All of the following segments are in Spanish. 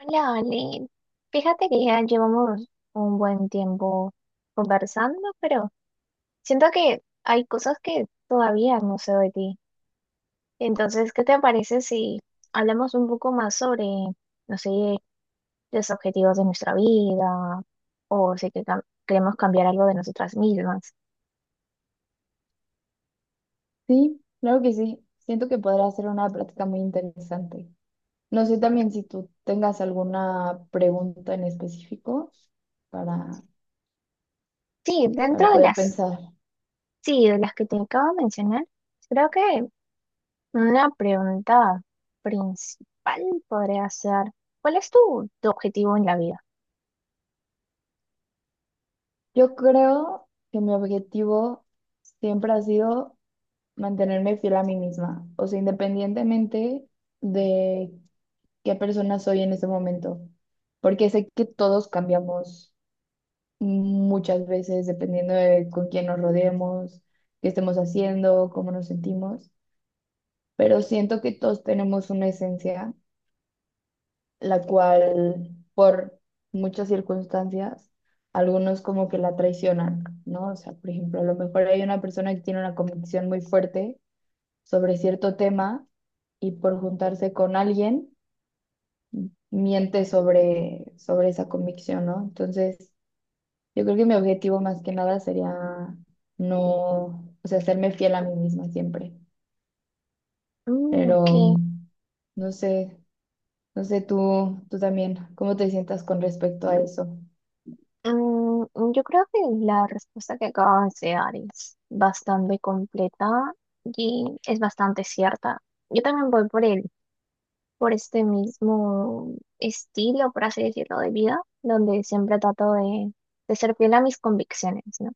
Hola, Oli. Fíjate que ya llevamos un buen tiempo conversando, pero siento que hay cosas que todavía no sé de ti. Entonces, ¿qué te parece si hablamos un poco más sobre, no sé, los objetivos de nuestra vida o si queremos cambiar algo de nosotras mismas? Sí, claro que sí. Siento que podrá ser una práctica muy interesante. No sé también si tú tengas alguna pregunta en específico para, Sí, para poder pensar. sí, de las que te acabo de mencionar, creo que una pregunta principal podría ser, ¿cuál es tu objetivo en la vida? Yo creo que mi objetivo siempre ha sido mantenerme fiel a mí misma, o sea, independientemente de qué persona soy en ese momento, porque sé que todos cambiamos muchas veces dependiendo de con quién nos rodeemos, qué estemos haciendo, cómo nos sentimos, pero siento que todos tenemos una esencia, la cual por muchas circunstancias, algunos como que la traicionan, ¿no? O sea, por ejemplo, a lo mejor hay una persona que tiene una convicción muy fuerte sobre cierto tema y por juntarse con alguien, miente sobre esa convicción, ¿no? Entonces, yo creo que mi objetivo más que nada sería no, o sea, serme fiel a mí misma siempre, Mm, pero ok. no sé. No sé, tú también, ¿cómo te sientas con respecto a eso? Mm, yo creo que la respuesta que acabas de dar es bastante completa y es bastante cierta. Yo también voy por por este mismo estilo, por así decirlo, de vida, donde siempre trato de ser fiel a mis convicciones, ¿no?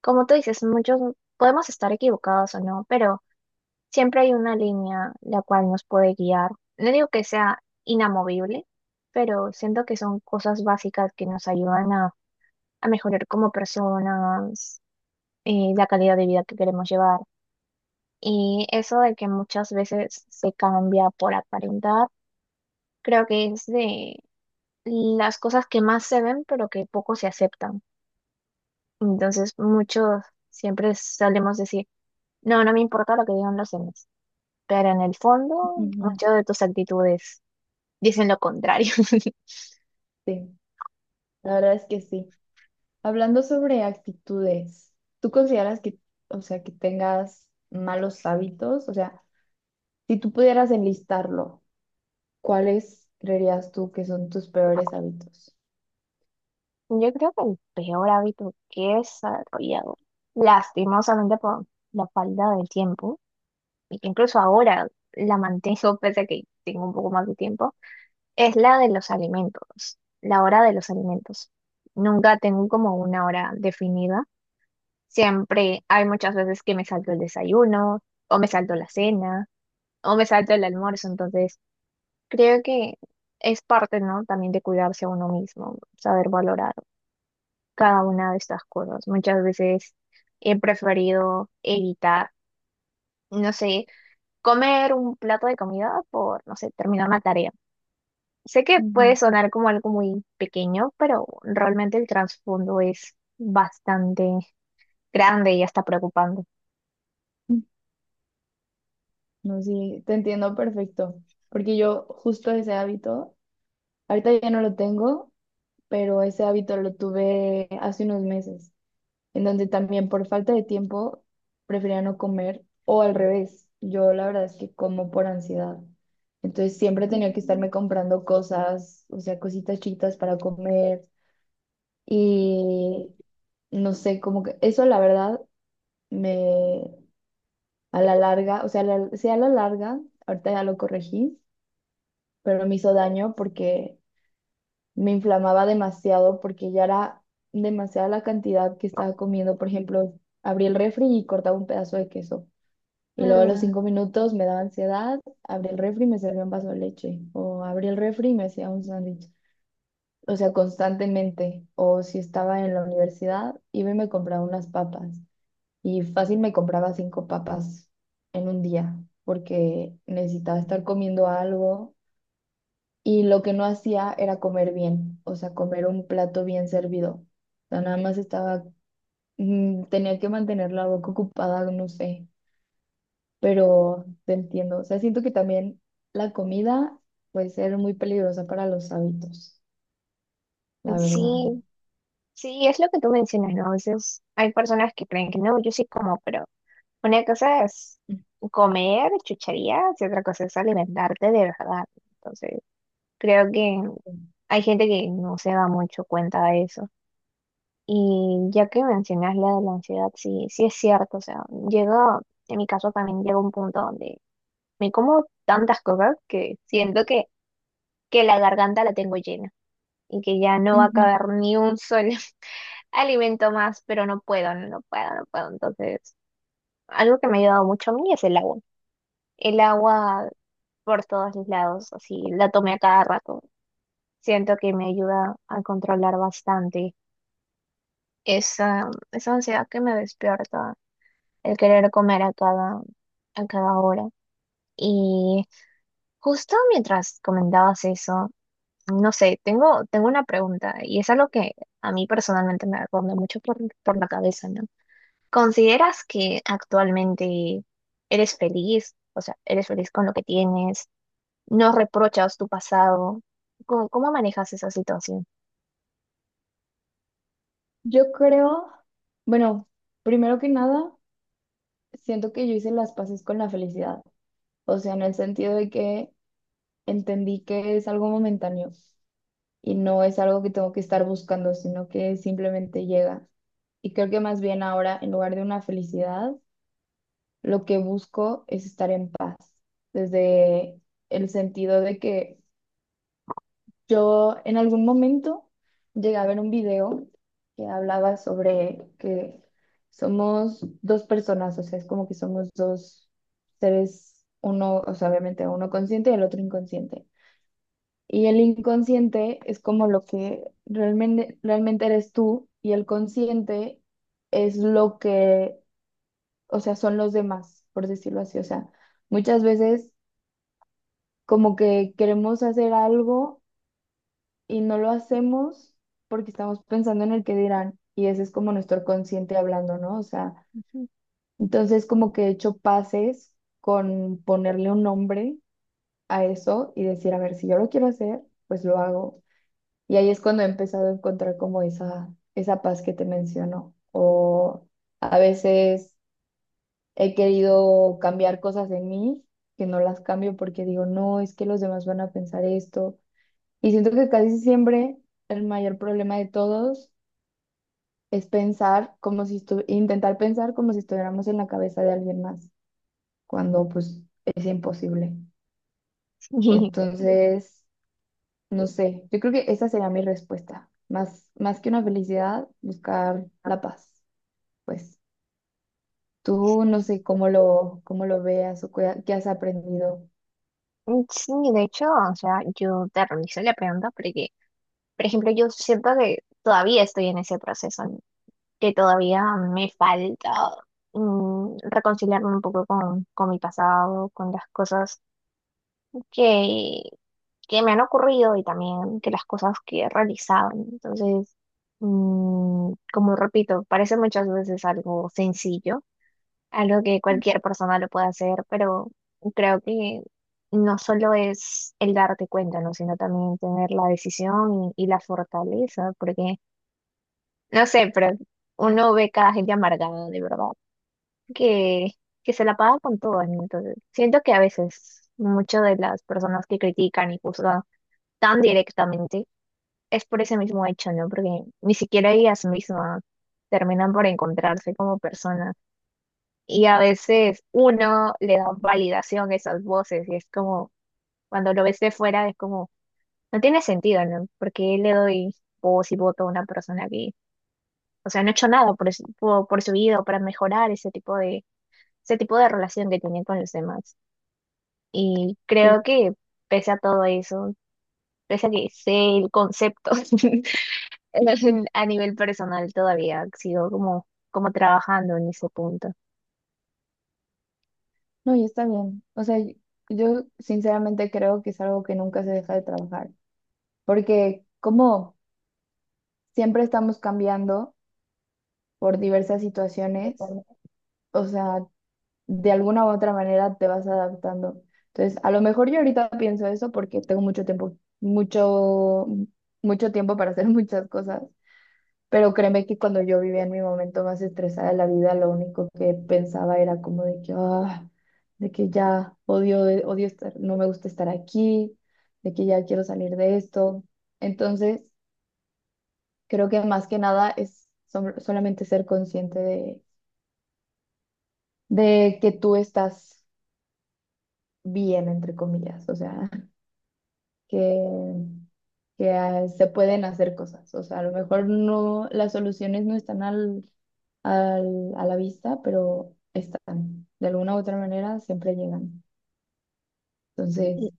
Como tú dices, muchos podemos estar equivocados o no, pero siempre hay una línea la cual nos puede guiar. No digo que sea inamovible, pero siento que son cosas básicas que nos ayudan a mejorar como personas, la calidad de vida que queremos llevar. Y eso de que muchas veces se cambia por aparentar, creo que es de las cosas que más se ven, pero que poco se aceptan. Entonces, muchos siempre solemos decir, no, no me importa lo que digan los demás, pero en el fondo, Ujú. muchas de tus actitudes dicen lo contrario. Sí, la verdad es que sí. Hablando sobre actitudes, ¿tú consideras que, o sea, que tengas malos hábitos? O sea, si tú pudieras enlistarlo, ¿cuáles creerías tú que son tus peores hábitos? Yo creo que el peor hábito que he desarrollado, lastimosamente por la falta de tiempo, y que incluso ahora la mantengo pese a que tengo un poco más de tiempo, es la de los alimentos, la hora de los alimentos. Nunca tengo como una hora definida. Siempre hay muchas veces que me salto el desayuno, o me salto la cena, o me salto el almuerzo. Entonces, creo que es parte, ¿no? También de cuidarse a uno mismo, saber valorar cada una de estas cosas. Muchas veces he preferido evitar, no sé, comer un plato de comida por, no sé, terminar una tarea. Sé que Ujú. puede sonar como algo muy pequeño, pero realmente el trasfondo es bastante grande y hasta preocupante. No, sí, te entiendo perfecto, porque yo justo ese hábito, ahorita ya no lo tengo, pero ese hábito lo tuve hace unos meses, en donde también por falta de tiempo prefería no comer o al revés. Yo la verdad es que como por ansiedad. Entonces siempre tenía que Mm. estarme comprando cosas, o sea, cositas chiquitas para comer y no sé, como que eso la verdad me a la larga, o sea, sí a la larga, ahorita ya lo corregí, pero me hizo daño porque me inflamaba demasiado porque ya era demasiada la cantidad que estaba comiendo. Por ejemplo, abrí el refri y cortaba un pedazo de queso. Y luego a los Mm, 5 minutos me daba ansiedad, abrí el refri y me servía un vaso de leche. O abrí el refri y me hacía un sándwich. O sea, constantemente. O si estaba en la universidad, iba y me compraba unas papas. Y fácil me compraba 5 papas en un día, porque necesitaba estar comiendo algo y lo que no hacía era comer bien, o sea, comer un plato bien servido. O sea, nada más estaba, tenía que mantener la boca ocupada, no sé, pero te entiendo. O sea, siento que también la comida puede ser muy peligrosa para los hábitos, la verdad. sí, sí, es lo que tú mencionas, ¿no? A veces hay personas que creen que no, yo sí como, pero una cosa es comer chucherías y otra cosa es alimentarte de verdad. Entonces, creo que Ujú. hay gente que no se da mucho cuenta de eso. Y ya que mencionas la de la ansiedad, sí, sí es cierto. O sea, llega, en mi caso también llega un punto donde me como tantas cosas que siento que la garganta la tengo llena y que ya no va a Ujú. caber ni un solo alimento más, pero no puedo, no puedo, no puedo. Entonces, algo que me ha ayudado mucho a mí es el agua. El agua por todos los lados, así, la tomé a cada rato. Siento que me ayuda a controlar bastante esa ansiedad que me despierta, el querer comer a a cada hora. Y justo mientras comentabas eso, no sé, tengo una pregunta y es algo que a mí personalmente me ronda mucho por la cabeza, ¿no? ¿Consideras que actualmente eres feliz? O sea, ¿eres feliz con lo que tienes? ¿No reprochas tu pasado? ¿Cómo manejas esa situación? Yo creo, bueno, primero que nada, siento que yo hice las paces con la felicidad, o sea, en el sentido de que entendí que es algo momentáneo y no es algo que tengo que estar buscando, sino que simplemente llega. Y creo que más bien ahora, en lugar de una felicidad, lo que busco es estar en paz, desde el sentido de que yo en algún momento llegué a ver un video que hablaba sobre que somos dos personas, o sea, es como que somos dos seres, uno, o sea, obviamente uno consciente y el otro inconsciente. Y el inconsciente es como lo que realmente, realmente eres tú y el consciente es lo que, o sea, son los demás, por decirlo así. O sea, muchas veces como que queremos hacer algo y no lo hacemos porque estamos pensando en el que dirán y ese es como nuestro consciente hablando, ¿no? O sea, Sí. entonces como que he hecho pases con ponerle un nombre a eso y decir, a ver, si yo lo quiero hacer, pues lo hago. Y ahí es cuando he empezado a encontrar como esa paz que te menciono. O a veces he querido cambiar cosas en mí que no las cambio porque digo, no, es que los demás van a pensar esto. Y siento que casi siempre el mayor problema de todos es pensar como si intentar pensar como si estuviéramos en la cabeza de alguien más, cuando pues es imposible. Entonces. No sé, yo creo que esa sería mi respuesta. Más que una felicidad, buscar la paz. Pues tú no sé cómo lo veas o qué has aprendido. Sí, de hecho, o sea, yo te realicé la pregunta porque, por ejemplo, yo siento que todavía estoy en ese proceso. ¿No? Que todavía me falta, mm, reconciliarme un poco con mi pasado, con las cosas que, que me han ocurrido y también que las cosas que he realizado. Entonces, mm, como repito, parece muchas veces algo sencillo, algo que cualquier persona lo puede hacer, pero creo que no solo es el darte cuenta, ¿no? Sino también tener la decisión y la fortaleza, porque, no sé, pero uno ve cada gente amargada, de verdad. que, que se la paga con todo, ¿no? Entonces, siento que a veces muchas de las personas que critican y juzgan tan directamente es por ese mismo hecho, ¿no? Porque ni siquiera ellas mismas terminan por encontrarse como personas. Y a veces uno le da validación a esas voces y es como, cuando lo ves de fuera, es como, no tiene sentido, ¿no? Porque le doy voz y voto a una persona que, o sea, no ha hecho nada por su vida o para mejorar ese tipo de relación que tienen con los demás. Y Sí. creo que pese a todo eso, pese a que sé el concepto a nivel personal, todavía sigo como, como trabajando en ese punto. No, y está bien. O sea, y- yo sinceramente creo que es algo que nunca se deja de trabajar, porque como siempre estamos cambiando por diversas situaciones, o sea, de alguna u otra manera te vas adaptando. Entonces, a lo mejor yo ahorita pienso eso porque tengo mucho tiempo, mucho, mucho tiempo para hacer muchas cosas, pero créeme que cuando yo vivía en mi momento más estresada de la vida, lo único que pensaba era como de que, de que ya odio, odio estar, no me gusta estar aquí, de que ya quiero salir de esto. Entonces, creo que más que nada es solamente ser consciente de que tú estás bien, entre comillas, o sea. que, que se pueden hacer cosas. O sea, a lo mejor no, las soluciones no están a la vista, pero están. De alguna u otra manera siempre llegan. Y- Entonces,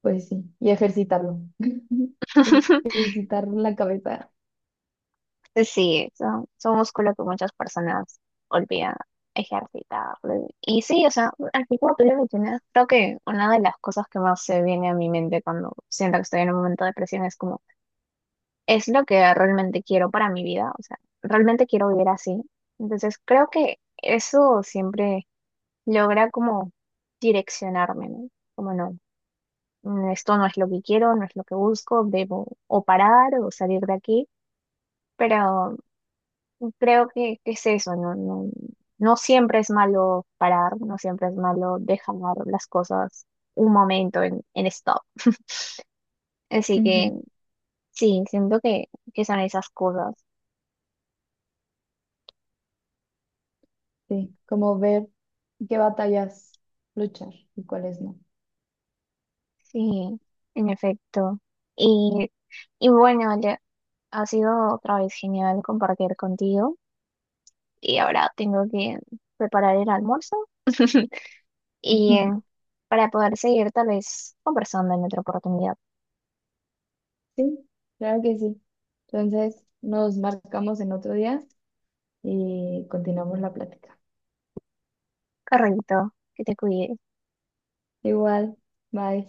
pues sí, y ejercitarlo. Ejercitar la cabeza. Sí, son músculos que muchas personas olvidan ejercitar. Y sí, o sea, así como tú lo mencionas, creo que una de las cosas que más se viene a mi mente cuando siento que estoy en un momento de presión es como es lo que realmente quiero para mi vida, o sea, realmente quiero vivir así. Entonces creo que eso siempre logra como direccionarme, ¿no? Como no, mm, esto no es lo que quiero, no es lo que busco, debo o parar o salir de aquí, pero creo que es eso, ¿no? No, no siempre es malo parar, no siempre es malo dejar las cosas un momento en stop. Así que Ujú. sí, siento que son esas cosas. Sí, como ver qué batallas luchar y cuáles no. Sí, en efecto. Y, y bueno, Ale, ha sido otra vez genial compartir contigo. Y ahora tengo que preparar el almuerzo y para poder seguir tal vez conversando en otra oportunidad. Sí, claro que sí. Entonces, nos marcamos en otro día y continuamos la plática. Correcto, que te cuides. Igual, bye.